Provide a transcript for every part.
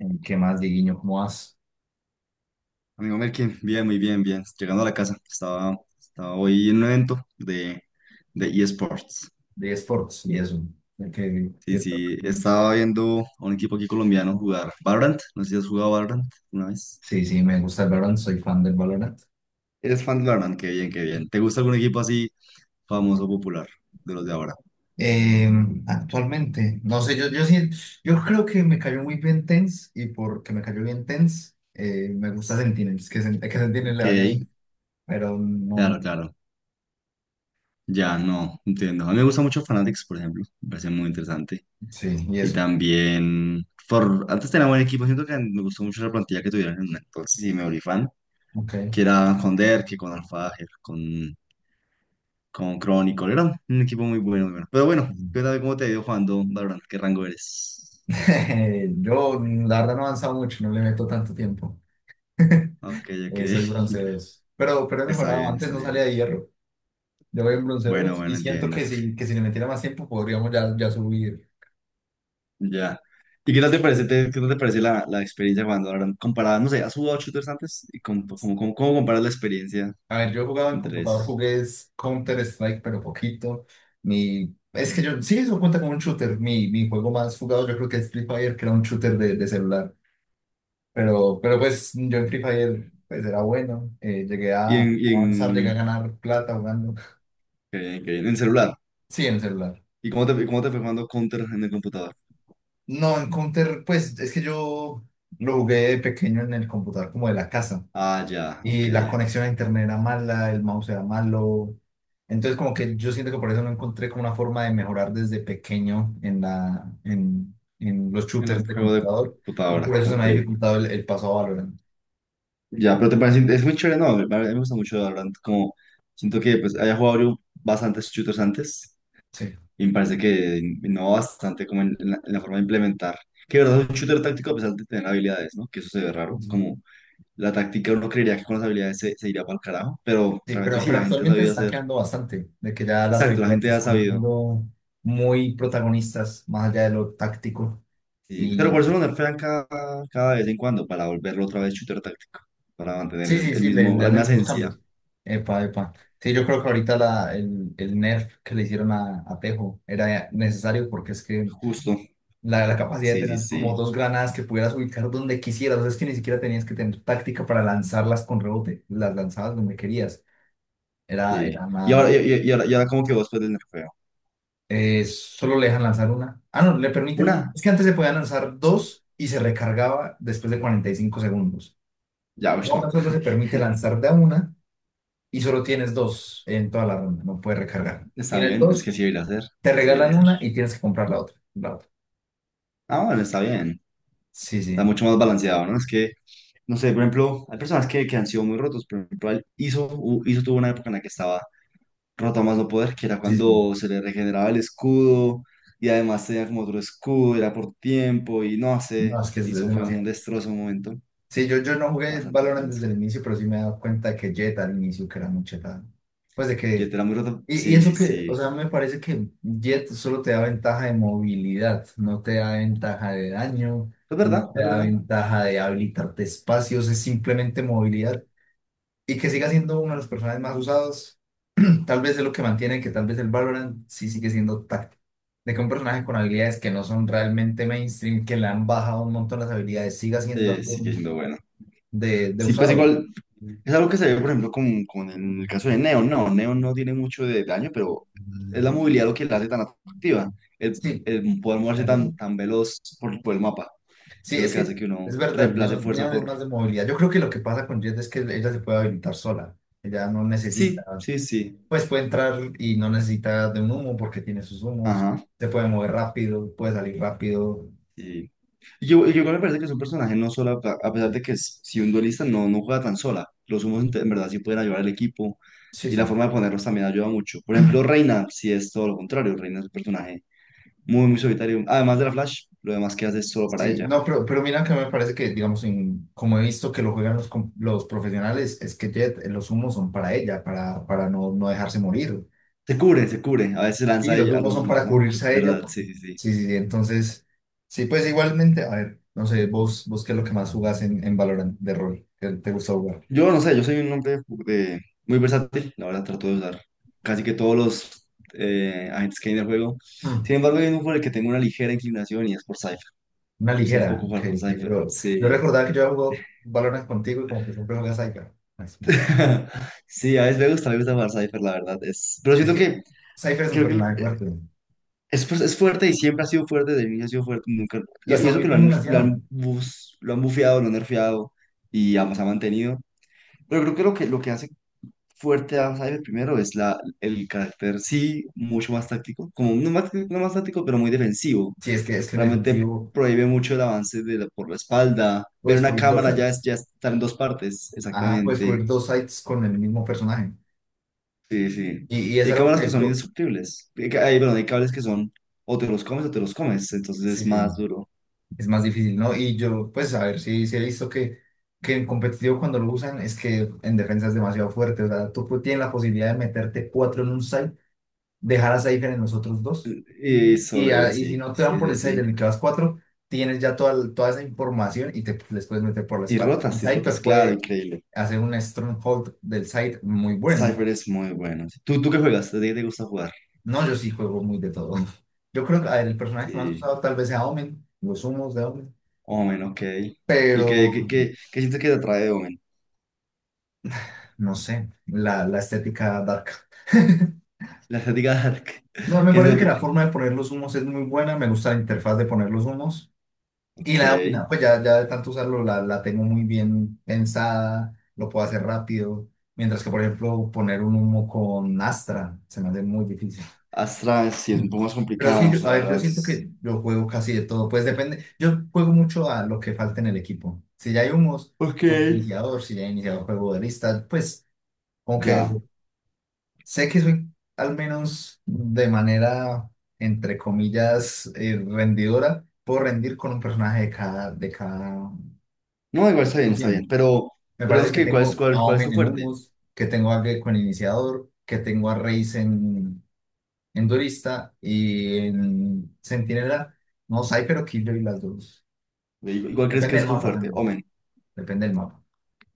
¿Qué más, Dieguiño? ¿Cómo vas? Amigo Melkin, bien, muy bien, bien. Llegando a la casa, estaba hoy en un evento de eSports. De esports y eso. ¿De qué- Sí, qué- sí, estaba viendo a un equipo aquí colombiano jugar Valorant. No sé si has jugado Valorant una vez. Sí, sí, me gusta el Valorant, soy fan del Valorant. Eres fan de Valorant, qué bien, qué bien. ¿Te gusta algún equipo así famoso, popular, de los de ahora? Eh, Actualmente, no sé, yo creo que me cayó muy bien Tense y porque me cayó bien Tense, me gusta Sentinels, que Sentinels le vaya Ok, bien, pero no, claro, claro. Ya, no, entiendo. A mí me gusta mucho Fanatics, por ejemplo. Me parece muy interesante. sí, y Y eso. también, antes tenía buen equipo. Siento que me gustó mucho la plantilla que tuvieron entonces y me volví fan. Ok. Que era con Derke, con Alfájer, con Chronicle. Era un equipo muy bueno, muy bueno. Pero bueno, cuéntame cómo te ha ido jugando Valorant. ¿Qué rango eres? Yo, la verdad, no he avanzado mucho, no le meto tanto tiempo. Ok, ok. Soy bronce 2, pero he Está mejorado, bien, antes está no bien. salía de hierro. Yo voy en bronce Bueno, 2 y bueno, siento entiendo. que que si le metiera más tiempo podríamos ya subir. Ya. ¿Y qué tal te parece, qué tal te parece la experiencia jugando ahora? Comparada, no sé, ¿has jugado shooters antes? ¿Y cómo comparas la experiencia A ver, yo jugaba en entre computador, esos? jugué Counter-Strike, pero poquito. Es que yo, sí, eso cuenta como un shooter. Mi juego más jugado yo creo que es Free Fire, que era un shooter de celular. Pero pues yo en Free Fire pues era bueno. Llegué Y a en, y avanzar, llegué a en, ganar plata jugando. Qué bien, qué bien, en celular. Sí, en celular. ¿Y cómo te fue jugando Counter en el computador? No, en Counter, pues es que yo lo jugué de pequeño en el computador como de la casa. Ah, ya, ok. Y la conexión a internet era mala, el mouse era malo. Entonces, como que yo siento que por eso no encontré como una forma de mejorar desde pequeño en en los En un shooters de juego de computador. Y por computadora, eso se me ha ok. dificultado el paso a Valorant. Ya, pero te parece, es muy chévere, no, a mí me gusta mucho Valorant, como siento que pues haya jugado yo bastantes shooters antes. Sí. Y me parece que innova bastante como en la forma de implementar. Que de verdad es un shooter táctico a pesar de tener habilidades, ¿no? Que eso se ve raro. Sí, Como la táctica uno creería que con las habilidades se iría para el carajo, pero Sí, realmente pero, sí, pero la gente ha actualmente se sabido están hacer. quedando bastante, de que ya las Exacto, la habilidades gente se ha están sabido. haciendo muy protagonistas, más allá de lo táctico. Sí. Pero por Y, eso lo nerfean cada vez en cuando, para volverlo otra vez shooter táctico, para mantener Sí, sí, el sí, mismo, le la misma hacen los esencia, cambios. Epa, epa. Sí, yo creo que ahorita el nerf que le hicieron a Tejo era necesario porque es que justo. La capacidad de Sí, sí, tener como sí, dos granadas que pudieras ubicar donde quisieras, o sea, es que ni siquiera tenías que tener táctica para lanzarlas con rebote, las lanzabas donde querías. Era, sí. era una... Y ahora como que vos puedes nerfeo. Solo le dejan lanzar una. Ah, no, le Una, permiten. Es que antes se podían lanzar dos y se recargaba después de 45 segundos. ya, pues Ahora no. solo se permite lanzar de a una y solo tienes dos en toda la ronda, no puedes recargar. Está Tienes bien, es que dos, así debería ser, te así debería regalan ser. una y tienes que comprar la otra. La otra. Ah, bueno, está bien. Sí, Está sí, mucho más balanceado, ¿no? Es que, no sé, por ejemplo, hay personas que han sido muy rotos. Por ejemplo, al Iso, Iso tuvo una época en la que estaba roto a más no poder, que era sí, sí. cuando se le regeneraba el escudo y además tenía como otro escudo, era por tiempo y no sé. No, es que es Iso fue un demasiado. destrozo, un momento Sí, yo no jugué bastante Valorant desde intenso. el inicio, pero sí me he dado cuenta que Jett al inicio que era muy chetada. Pues de ¿Que que. te era muy roto? Y Sí, eso sí, que, o sí. sea, me parece que Jett solo te da ventaja de movilidad, no te da ventaja de daño, Es no verdad, te es da verdad. ventaja de habilitarte espacios, es simplemente movilidad. Y que siga siendo uno de los personajes más usados. Tal vez es lo que mantiene que tal vez el Valorant sí sigue siendo táctico. De que un personaje con habilidades que no son realmente mainstream, que le han bajado un montón las habilidades, siga siendo Sí, algo sigue siendo bueno. De Sí, pues usado. igual. Es algo que se ve, por ejemplo, con, el caso de Neo. No, Neo no tiene mucho de daño, pero es la movilidad lo que la hace tan atractiva. El, Sí, el poder moverse es verdad. tan, tan veloz por el mapa Sí, es lo es que que hace que es uno verdad, reemplace fuerza Neo es por... más de movilidad. Yo creo que lo que pasa con Jet es que ella se puede habilitar sola. Ella no Sí, necesita, sí, sí. pues puede entrar y no necesita de un humo porque tiene sus humos. Ajá. Se puede mover rápido, puede salir rápido. Y y yo igual me parece que es un personaje no sola, a pesar de que si un duelista no juega tan sola, los humos en verdad sí pueden ayudar al equipo Sí, y la sí. forma de ponerlos también ayuda mucho. Por ejemplo, Reina, si es todo lo contrario, Reina es un personaje muy, muy solitario. Además de la Flash, lo demás que hace es solo para Sí, ella. no, pero mira que me parece que, digamos, como he visto que lo juegan los profesionales, es que Jet, los humos son para ella, para no, no dejarse morir. Se cubre, se cubre. A veces Y lanza los ella a humos los son humos, para ¿no? Es cubrirse a ella, verdad, porque sí, sí, sí. sí, sí, sí, entonces, sí, pues igualmente, a ver, no sé, vos qué es lo que más jugás en Valorant de rol, que te gusta jugar. Yo no sé, yo soy un hombre eh, muy versátil. La verdad, trato de usar casi que todos los agentes que hay en el juego. Mm, Sin embargo, hay uno por el que tengo una ligera inclinación y es por Cypher. una Me gusta un ligera, poco ok, jugar con ok. Cypher. Yo Sí. recordaba que yo jugué Valorant contigo y como que siempre juegas Cypher. Sí, a veces me gusta jugar Cypher, la verdad. Es... Pero Es siento que que Cypher es un creo que personaje fuerte es fuerte y siempre ha sido fuerte, de niño ha sido fuerte, nunca, y y está eso muy que bien balanceado. Lo han bufeado, lo han nerfeado y además ha mantenido. Pero creo que, lo que hace fuerte a Cyber primero es el carácter, sí, mucho más táctico, como no más, no más táctico, pero muy defensivo. Sí, es que en Realmente efectivo. prohíbe mucho el avance de por la espalda. Ver Puedes una cubrir dos cámara ya, sites. ya está en dos partes, Ajá, puedes exactamente. cubrir dos sites con el mismo personaje. Sí, sí. Y es Y hay algo cámaras que que son indestructibles. Hay, perdón, hay cables que son o te los comes o te los comes, entonces sí, es sí, más duro. es más difícil, ¿no? Y yo, pues, a ver, sí, sí he visto que en competitivo cuando lo usan es que en defensa es demasiado fuerte. O sea, tienes la posibilidad de meterte cuatro en un site, dejar a Cypher en los otros dos. Y solo y Y si así, no te van sí, por sí, el site sí. en el que vas cuatro, tienes ya toda, toda esa información y te les puedes meter por la espalda. Y Y rotas, Cypher claro, puede increíble. hacer un stronghold del site muy bueno. Cypher es muy bueno. ¿Tú qué juegas? ¿De qué te gusta jugar? No, yo sí juego muy de todo. Yo creo que, a ver, el personaje que más he Sí, usado tal vez sea Omen, los humos de Omen, Omen, ok. ¿Y qué, pero qué, qué, qué sientes que te atrae de Omen? no sé, la estética dark. La estética dark, No, me que es parece que la gótico. forma de poner los humos es muy buena, me gusta la interfaz de poner los humos y Ok. la domina, pues ya de tanto usarlo la tengo muy bien pensada, lo puedo hacer rápido, mientras que por ejemplo poner un humo con Astra se me hace muy difícil. Astra sí es un poco más Pero sí, complicado, la a ver, yo verdad. siento que yo juego casi de todo. Pues depende. Yo juego mucho a lo que falta en el equipo. Si ya hay humos, Ok. juego de iniciador. Si ya he iniciado juego de lista, pues como que Ya. sé que soy al menos de manera, entre comillas, rendidora. Puedo rendir con un personaje de cada No, igual está bien, está bien. opción. Pero, Me pero parece digamos que que, ¿cuál es, tengo cuál, a cuál es Omen tu en fuerte? humos, que tengo a Gecko en iniciador, que tengo a Reis en Duelista y en Centinela. No, Cypher o Killjoy, las dos. Igual crees que Depende del es tu mapa fuerte, también. Omen. Depende del mapa.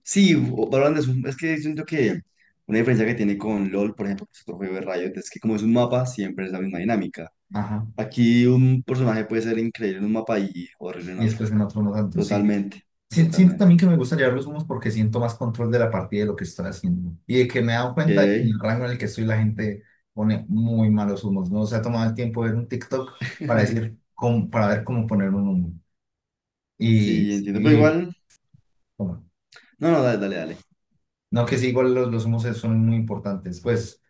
Sí, Valorant es que siento que una diferencia que tiene con LOL, por ejemplo, que es otro juego de Riot, es que como es un mapa, siempre es la misma dinámica. Ajá. Aquí un personaje puede ser increíble en un mapa y horrible en Y otro. después en otro no tanto, sí, sí. Totalmente, Siento totalmente. también que me gusta llevar los humos porque siento más control de la partida y de lo que estoy haciendo. Y de que me he dado cuenta de que en Ok. el rango en el que estoy la gente pone muy malos humos. No se ha tomado el tiempo de ver un TikTok para decir, para ver cómo poner un humo. Y, Sí, entiendo, pero y igual, bueno, no, no, dale, dale, dale. no que sí, igual los humos son muy importantes. Pues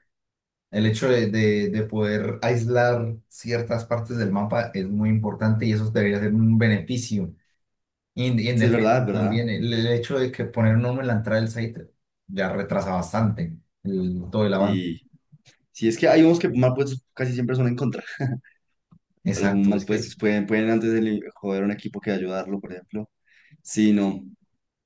el hecho de poder aislar ciertas partes del mapa es muy importante y eso debería ser un beneficio. Y en Sí, es verdad, defensa es verdad. también, el hecho de que poner un hombre en la entrada del site ya retrasa bastante todo el avance. Sí, sí, es que hay unos que mal puestos casi siempre son en contra. Los Exacto, es mal que, puestos pueden antes de joder a un equipo que ayudarlo, por ejemplo. Sí, no.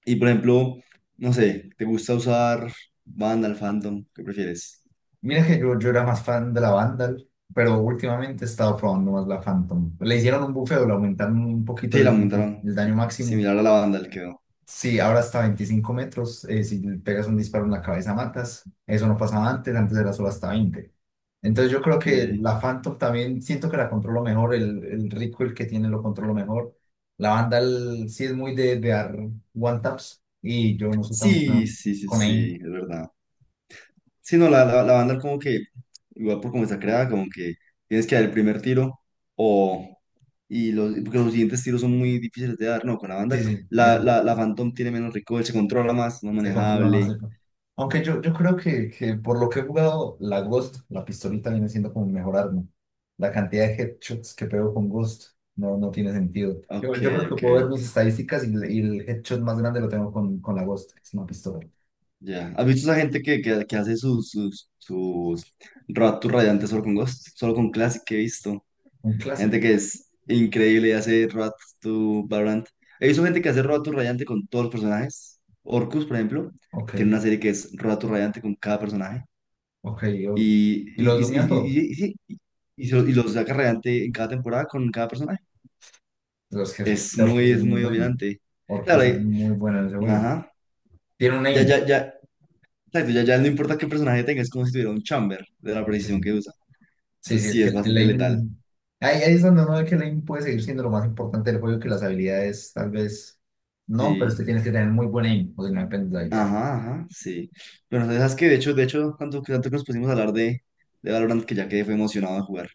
Y por ejemplo, no sé, ¿te gusta usar Vandal, Phantom? ¿Qué prefieres? mira que yo era más fan de la Vandal, pero últimamente he estado probando más la Phantom. Le hicieron un buffeo, le aumentaron un poquito Sí, la el, montaron. el daño máximo. Similar a la Vandal quedó. Sí, ahora hasta 25 metros. Si le pegas un disparo en la cabeza, matas. Eso no pasaba antes, antes era solo hasta 20. Entonces yo creo que Que... la Phantom también siento que la controlo mejor. El recoil que tiene lo controlo mejor. La banda sí es muy de dar one taps y yo no soy tan Sí, bueno sí, sí, con ella. sí, es verdad. Sí, no, la Vandal como que, igual por cómo está creada, como que tienes que dar el primer tiro o... Porque los siguientes tiros son muy difíciles de dar, no, con la Vandal. Sí, sí, eso. La Phantom tiene menos recoil, se controla más, más Se controla más manejable. el... Aunque yo creo que por lo que he jugado, la Ghost, la pistolita viene siendo como mi mejor arma. La cantidad de headshots que pego con Ghost no, no tiene sentido. Yo, Ok, yo creo que ok. puedo ver mis estadísticas y, el headshot más grande lo tengo con la Ghost, que es una pistola. Ya. ¿Has visto esa gente que hace sus rap to radiantes solo con Ghost? Solo con Classic que he visto. Un clásico. Gente que es increíble y hace rap to Valorant. He visto gente que hace rap to radiante con todos los personajes. Orcus, por ejemplo, Ok, tiene una serie que es rap to radiante con cada personaje. ok. Y los domina todos. Sí, y lo saca radiante en cada temporada con cada personaje. Los Es que Orcus muy, es es muy muy bueno. dominante. Claro, Orcus es muy bueno en ese juego. ajá. Tiene un Ya, aim. ya, ya. Exacto, ya, ya no importa qué personaje tenga, es como si tuviera un chamber de la precisión que usa. Sí, sí, Entonces es sí, que es el bastante letal. aiming... Ahí, ahí es donde uno ve que el aiming puede seguir siendo lo más importante del juego, que las habilidades tal vez no, pero Sí. usted tiene que tener muy buen aim, o si no depende de la habilidad. Ajá, ajá, sí. Bueno, sabes que de hecho, tanto que nos pusimos a hablar de, Valorant que ya quedé fue emocionado de jugar.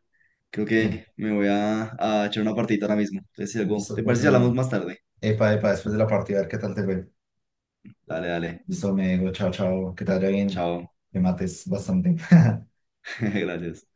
Creo Sí, que me voy a echar una partidita ahora mismo. Entonces, si algo, listo, ¿te pues, parece si bueno. hablamos más tarde? Epa, epa, después de la partida, a ver qué tal te fue. Dale, dale. Listo, me digo, chao, chao, que te vaya bien, Chao. me mates bastante. Gracias.